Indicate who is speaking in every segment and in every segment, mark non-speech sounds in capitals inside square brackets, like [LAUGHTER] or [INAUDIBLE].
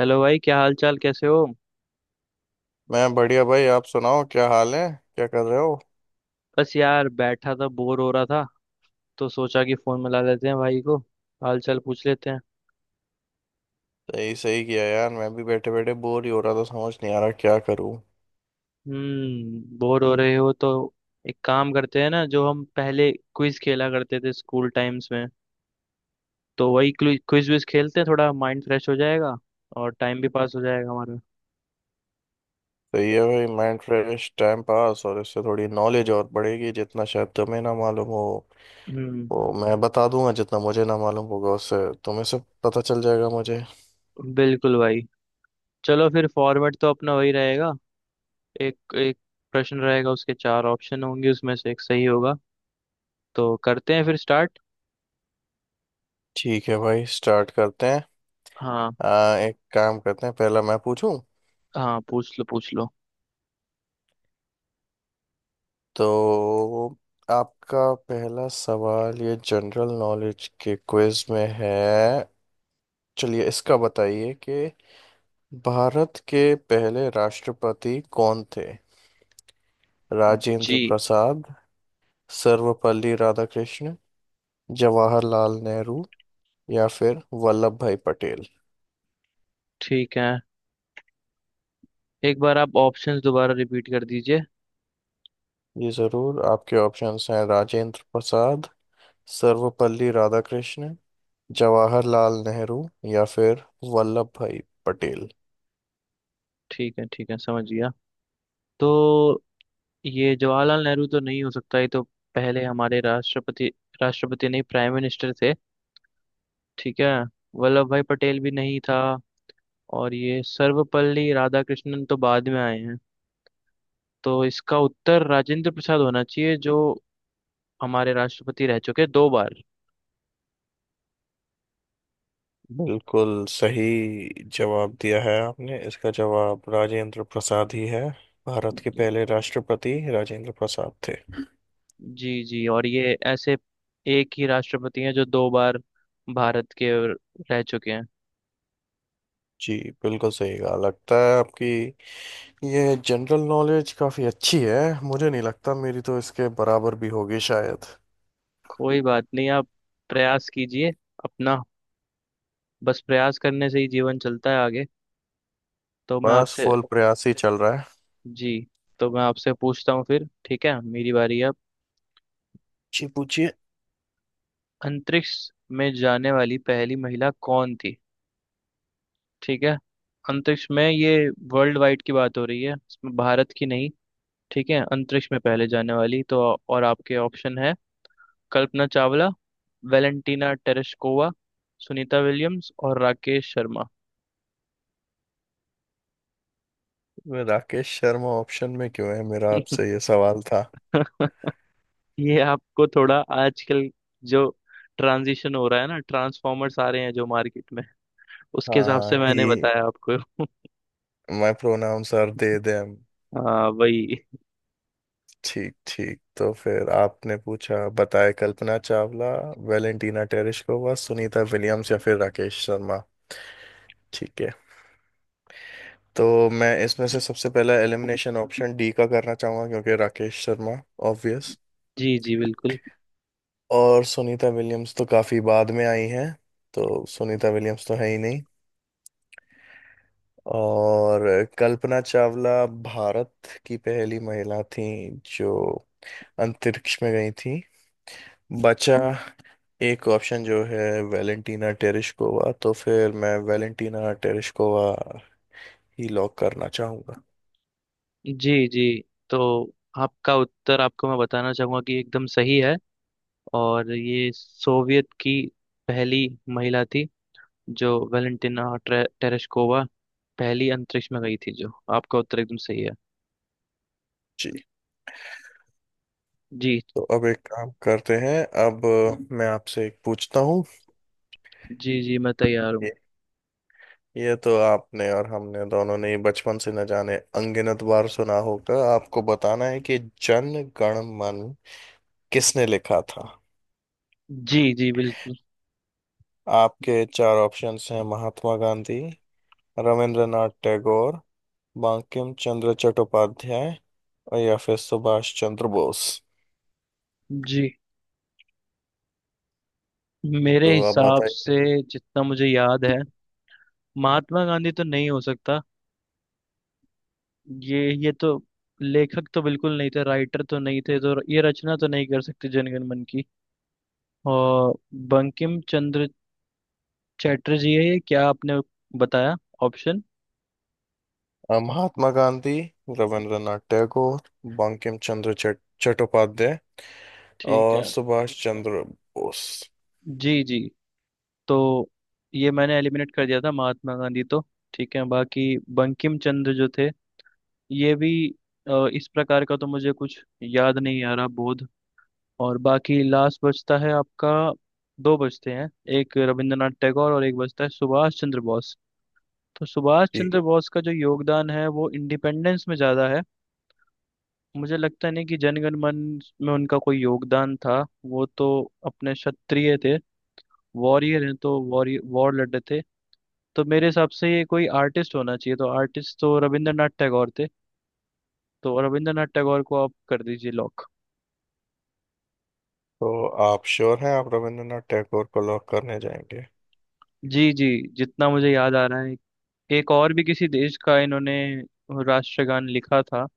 Speaker 1: Hello भाई, क्या हाल चाल, कैसे हो।
Speaker 2: मैं बढ़िया, भाई। आप सुनाओ, क्या हाल है? क्या कर रहे हो?
Speaker 1: बस यार, बैठा था, बोर हो रहा था, तो सोचा कि फोन मिला लेते हैं भाई को, हाल चाल पूछ लेते हैं।
Speaker 2: सही सही किया, यार। मैं भी बैठे बैठे बोर ही हो रहा था। समझ नहीं आ रहा क्या करूं।
Speaker 1: हम्म, बोर हो रहे हो तो एक काम करते हैं ना, जो हम पहले क्विज खेला करते थे स्कूल टाइम्स में, तो वही क्विज विज खेलते हैं। थोड़ा माइंड फ्रेश हो जाएगा और टाइम भी पास हो जाएगा हमारा।
Speaker 2: सही है भाई, माइंड फ्रेश, टाइम पास, और इससे थोड़ी नॉलेज और बढ़ेगी। जितना शायद तुम्हें ना मालूम हो
Speaker 1: हम्म,
Speaker 2: वो मैं बता दूंगा, जितना मुझे ना मालूम होगा उससे तुम्हें सब पता चल जाएगा मुझे।
Speaker 1: बिल्कुल भाई। चलो फिर, फॉर्मेट तो अपना वही रहेगा। एक एक प्रश्न रहेगा, उसके चार ऑप्शन होंगे, उसमें से एक सही होगा। तो करते हैं फिर स्टार्ट।
Speaker 2: ठीक है भाई, स्टार्ट करते हैं।
Speaker 1: हाँ
Speaker 2: एक काम करते हैं, पहला मैं पूछूं।
Speaker 1: हाँ, पूछ लो, पूछ लो।
Speaker 2: तो आपका पहला सवाल ये जनरल नॉलेज के क्विज में है। चलिए इसका बताइए कि भारत के पहले राष्ट्रपति कौन थे? राजेंद्र
Speaker 1: जी,
Speaker 2: प्रसाद, सर्वपल्ली राधाकृष्ण, जवाहरलाल नेहरू, या फिर वल्लभ भाई पटेल।
Speaker 1: ठीक है, एक बार आप ऑप्शंस दोबारा रिपीट कर दीजिए।
Speaker 2: ये जरूर आपके ऑप्शंस हैं। राजेंद्र प्रसाद, सर्वपल्ली राधाकृष्ण, जवाहरलाल नेहरू, या फिर वल्लभ भाई पटेल।
Speaker 1: ठीक है, ठीक है, समझ गया। तो ये जवाहरलाल नेहरू तो नहीं हो सकता, ये तो पहले हमारे राष्ट्रपति राष्ट्रपति नहीं, प्राइम मिनिस्टर थे। ठीक है। वल्लभ भाई पटेल भी नहीं था, और ये सर्वपल्ली राधाकृष्णन तो बाद में आए हैं। तो इसका उत्तर राजेंद्र प्रसाद होना चाहिए, जो हमारे राष्ट्रपति रह चुके 2 बार।
Speaker 2: बिल्कुल सही जवाब दिया है आपने। इसका जवाब राजेंद्र प्रसाद ही है। भारत के पहले राष्ट्रपति राजेंद्र प्रसाद थे।
Speaker 1: जी जी, और ये ऐसे एक ही राष्ट्रपति हैं जो 2 बार भारत के रह चुके हैं।
Speaker 2: जी, बिल्कुल सही कहा। लगता है आपकी ये जनरल नॉलेज काफी अच्छी है। मुझे नहीं लगता मेरी तो इसके बराबर भी होगी शायद।
Speaker 1: कोई बात नहीं, आप प्रयास कीजिए अपना। बस प्रयास करने से ही जीवन चलता है आगे। तो मैं
Speaker 2: बस
Speaker 1: आपसे,
Speaker 2: फुल प्रयास ही चल रहा है।
Speaker 1: जी, तो मैं आपसे पूछता हूँ फिर, ठीक है, मेरी बारी है अब।
Speaker 2: जी, पूछिए।
Speaker 1: अंतरिक्ष में जाने वाली पहली महिला कौन थी। ठीक है, अंतरिक्ष में, ये वर्ल्ड वाइड की बात हो रही है इसमें, भारत की नहीं। ठीक है, अंतरिक्ष में पहले जाने वाली तो, और आपके ऑप्शन है Kalpana Chawla, Valentina Tereshkova, Sunita Williams और राकेश शर्मा।
Speaker 2: मैं, राकेश शर्मा ऑप्शन में क्यों है? मेरा आपसे ये सवाल था।
Speaker 1: [LAUGHS] ये आपको थोड़ा आजकल जो ट्रांजिशन हो रहा है ना, ट्रांसफॉर्मर्स आ रहे हैं जो मार्केट में, उसके हिसाब
Speaker 2: हाँ
Speaker 1: से मैंने
Speaker 2: ही।
Speaker 1: बताया आपको। [LAUGHS]
Speaker 2: माई प्रोनाउंस आर दे देम।
Speaker 1: हाँ वही।
Speaker 2: ठीक ठीक। तो फिर आपने पूछा बताए, Kalpana Chawla, Valentina Tereshkova, Sunita Williams, या फिर राकेश शर्मा। ठीक है। तो मैं इसमें से सबसे पहला एलिमिनेशन ऑप्शन डी का करना चाहूंगा, क्योंकि राकेश शर्मा ऑब्वियस।
Speaker 1: जी जी, बिल्कुल।
Speaker 2: और सुनीता विलियम्स तो काफी बाद में आई हैं, तो सुनीता विलियम्स तो है ही नहीं। और कल्पना चावला भारत की पहली महिला थी जो अंतरिक्ष में गई थी। बचा एक ऑप्शन जो है वेलेंटीना टेरेशकोवा, तो फिर मैं वेलेंटीना टेरेशकोवा ही लॉक करना चाहूंगा।
Speaker 1: जी जी, तो आपका उत्तर, आपको मैं बताना चाहूंगा कि एकदम सही है। और ये सोवियत की पहली महिला थी जो टेरेस्कोवा पहली अंतरिक्ष में गई थी, जो आपका उत्तर एकदम सही है।
Speaker 2: जी।
Speaker 1: जी
Speaker 2: तो अब एक काम करते हैं। अब मैं आपसे एक पूछता हूँ।
Speaker 1: जी। जी, मैं तैयार हूँ।
Speaker 2: ये ये तो आपने और हमने दोनों ने ही बचपन से न जाने अनगिनत बार सुना होगा। आपको बताना है कि जन गण मन किसने लिखा था?
Speaker 1: जी जी, बिल्कुल।
Speaker 2: आपके चार ऑप्शंस हैं महात्मा गांधी, रविंद्रनाथ टैगोर, बंकिम चंद्र चट्टोपाध्याय, या फिर सुभाष चंद्र बोस।
Speaker 1: जी, मेरे
Speaker 2: तो आप
Speaker 1: हिसाब
Speaker 2: बताइए।
Speaker 1: से, जितना मुझे याद है, महात्मा गांधी तो नहीं हो सकता, ये तो लेखक तो बिल्कुल नहीं थे, राइटर तो नहीं थे, तो ये रचना तो नहीं कर सकते जनगण मन की। और बंकिम चंद्र चैटर्जी है ये, क्या आपने बताया ऑप्शन?
Speaker 2: महात्मा गांधी, रविंद्रनाथ टैगोर, बंकिम चंद्र चट्टोपाध्याय,
Speaker 1: ठीक
Speaker 2: और
Speaker 1: है।
Speaker 2: सुभाष चंद्र बोस।
Speaker 1: जी जी, तो ये मैंने एलिमिनेट कर दिया था महात्मा गांधी तो। ठीक है, बाकी बंकिम चंद्र जो थे, ये भी इस प्रकार का तो मुझे कुछ याद नहीं आ रहा बोध। और बाकी लास्ट बचता है आपका, दो बचते हैं, एक रविंद्रनाथ टैगोर और एक बचता है सुभाष चंद्र बोस। तो सुभाष
Speaker 2: जी।
Speaker 1: चंद्र बोस का जो योगदान है वो इंडिपेंडेंस में ज़्यादा है। मुझे लगता नहीं कि जनगण मन में उनका कोई योगदान था। वो तो अपने क्षत्रिय थे, वॉरियर हैं, तो वॉरियर वॉर लड़े थे। तो मेरे हिसाब से ये कोई आर्टिस्ट होना चाहिए, तो आर्टिस्ट तो रविंद्रनाथ टैगोर थे। तो रविंद्रनाथ टैगोर को आप कर दीजिए लॉक।
Speaker 2: तो आप श्योर हैं आप रविंद्रनाथ टैगोर को लॉक करने जाएंगे?
Speaker 1: जी जी, जितना मुझे याद आ रहा है, एक और भी किसी देश का इन्होंने राष्ट्रगान लिखा था।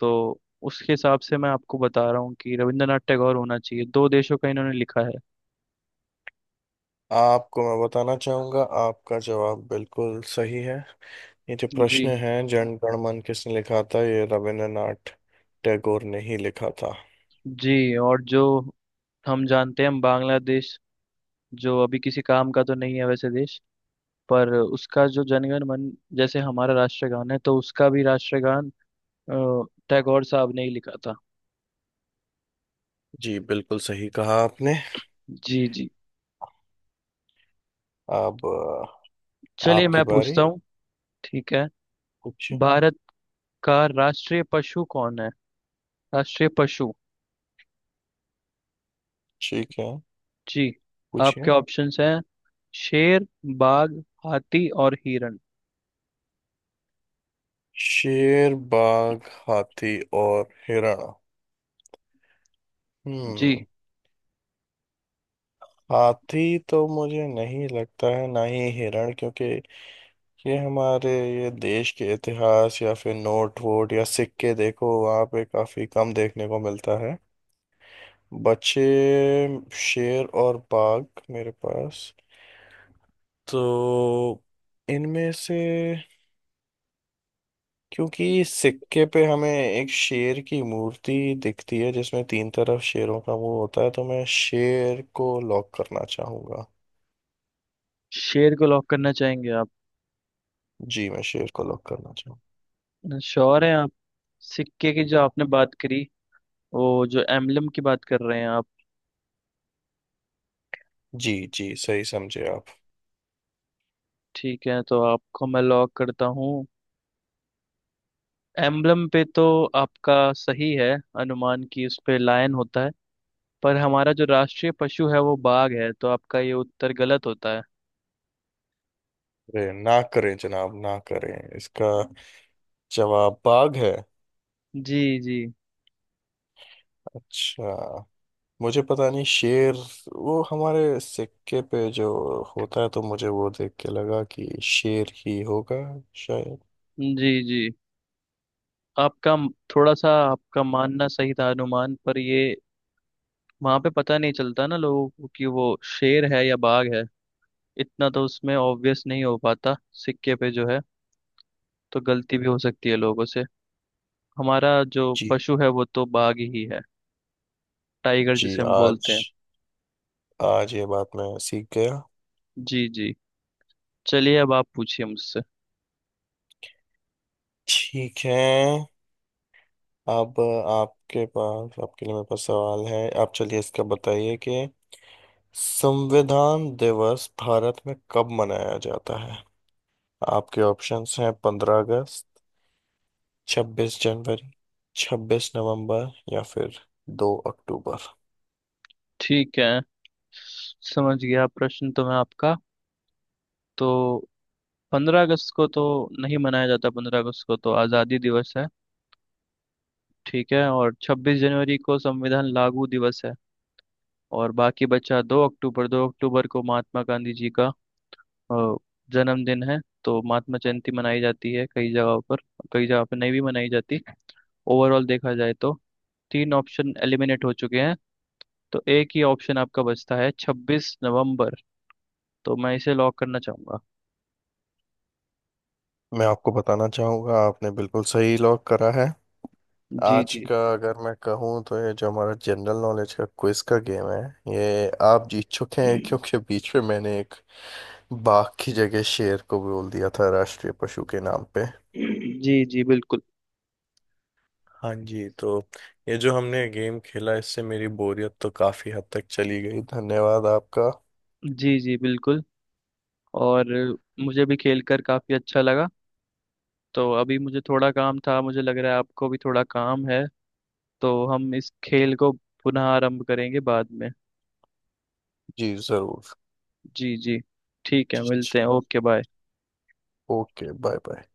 Speaker 1: तो उसके हिसाब से मैं आपको बता रहा हूँ कि रविंद्रनाथ टैगोर होना चाहिए, 2 देशों का इन्होंने लिखा है।
Speaker 2: आपको मैं बताना चाहूंगा आपका जवाब बिल्कुल सही है। ये जो
Speaker 1: जी
Speaker 2: प्रश्न है जन गण मन किसने लिखा था, ये रविंद्रनाथ टैगोर ने ही लिखा था।
Speaker 1: जी, और जो हम जानते हैं, हम बांग्लादेश, जो अभी किसी काम का तो नहीं है वैसे देश, पर उसका जो जनगण मन जैसे हमारा राष्ट्रगान है, तो उसका भी राष्ट्रगान अ, टैगोर साहब ने ही लिखा था।
Speaker 2: जी, बिल्कुल सही कहा आपने।
Speaker 1: जी जी।
Speaker 2: अब
Speaker 1: चलिए,
Speaker 2: आपकी
Speaker 1: मैं
Speaker 2: बारी।
Speaker 1: पूछता हूँ। ठीक है,
Speaker 2: कुछ
Speaker 1: भारत का राष्ट्रीय पशु कौन है। राष्ट्रीय पशु।
Speaker 2: ठीक है,
Speaker 1: जी। आपके
Speaker 2: पूछिए।
Speaker 1: ऑप्शंस हैं शेर, बाघ, हाथी और हिरण।
Speaker 2: शेर, बाघ, हाथी और हिरण। हम्म
Speaker 1: जी,
Speaker 2: हाथी तो मुझे नहीं लगता है, ना ही हिरण, क्योंकि ये हमारे ये देश के इतिहास या फिर नोट वोट या सिक्के देखो, वहाँ पे काफी कम देखने को मिलता है। बचे शेर और बाघ मेरे पास। तो इनमें से, क्योंकि सिक्के पे हमें एक शेर की मूर्ति दिखती है जिसमें तीन तरफ शेरों का मुंह होता है, तो मैं शेर को लॉक करना चाहूंगा।
Speaker 1: शेर को लॉक करना चाहेंगे आप?
Speaker 2: जी, मैं शेर को लॉक करना चाहूंगा।
Speaker 1: श्योर हैं आप? सिक्के की जो आपने बात करी, वो जो एम्बलम की बात कर रहे हैं आप?
Speaker 2: जी जी, सही समझे आप।
Speaker 1: ठीक है, तो आपको मैं लॉक करता हूँ। एम्बलम पे तो आपका सही है अनुमान की उस पे लायन होता है, पर हमारा जो राष्ट्रीय पशु है वो बाघ है, तो आपका ये उत्तर गलत होता है।
Speaker 2: अरे, ना करें जनाब, ना करें! इसका जवाब बाघ है?
Speaker 1: जी जी।
Speaker 2: अच्छा। मुझे पता नहीं। शेर वो हमारे सिक्के पे जो होता है तो मुझे वो देख के लगा कि शेर ही होगा शायद।
Speaker 1: जी जी। आपका म- थोड़ा सा आपका मानना सही था अनुमान पर, ये वहां पे पता नहीं चलता ना लोगों को कि वो शेर है या बाघ है। इतना तो उसमें ऑब्वियस नहीं हो पाता सिक्के पे जो है, तो गलती भी हो सकती है लोगों से। हमारा जो
Speaker 2: जी
Speaker 1: पशु है वो तो बाघ ही है, टाइगर
Speaker 2: जी।
Speaker 1: जिसे हम
Speaker 2: आज,
Speaker 1: बोलते हैं।
Speaker 2: आज ये बात मैं सीख गया।
Speaker 1: जी जी। चलिए, अब आप पूछिए मुझसे।
Speaker 2: ठीक है। अब आपके पास, आपके लिए मेरे पास सवाल है। आप चलिए इसका बताइए कि संविधान दिवस भारत में कब मनाया जाता है? आपके ऑप्शंस हैं 15 अगस्त, 26 जनवरी, 26 नवंबर, या फिर 2 अक्टूबर।
Speaker 1: ठीक है, समझ गया प्रश्न तो मैं आपका। तो 15 अगस्त को तो नहीं मनाया जाता, 15 अगस्त को तो आज़ादी दिवस है। ठीक है, और 26 जनवरी को संविधान लागू दिवस है। और बाकी बचा 2 अक्टूबर, 2 अक्टूबर को महात्मा गांधी जी का अ, जन्मदिन है, तो महात्मा जयंती मनाई जाती है कई जगहों पर, कई जगह पर नहीं भी मनाई जाती। ओवरऑल देखा जाए तो 3 ऑप्शन एलिमिनेट हो चुके हैं, तो एक ही ऑप्शन आपका बचता है 26 नवंबर, तो मैं इसे लॉक करना चाहूंगा।
Speaker 2: मैं आपको बताना चाहूँगा आपने बिल्कुल सही लॉक करा है।
Speaker 1: जी
Speaker 2: आज
Speaker 1: जी।
Speaker 2: का अगर मैं कहूँ तो ये जो हमारा जनरल नॉलेज का क्विज का गेम है ये आप जीत चुके हैं, क्योंकि बीच में मैंने एक बाघ की जगह शेर को बोल दिया था राष्ट्रीय पशु के नाम पे।
Speaker 1: जी जी, बिल्कुल।
Speaker 2: हाँ जी। तो ये जो हमने गेम खेला इससे मेरी बोरियत तो काफी हद तक चली गई। धन्यवाद आपका।
Speaker 1: जी जी, बिल्कुल। और मुझे भी खेल कर काफ़ी अच्छा लगा। तो अभी मुझे थोड़ा काम था, मुझे लग रहा है आपको भी थोड़ा काम है, तो हम इस खेल को पुनः आरंभ करेंगे बाद में।
Speaker 2: जी जरूर।
Speaker 1: जी जी। ठीक है,
Speaker 2: जी, जी।
Speaker 1: मिलते हैं, okay bye.
Speaker 2: Okay bye bye.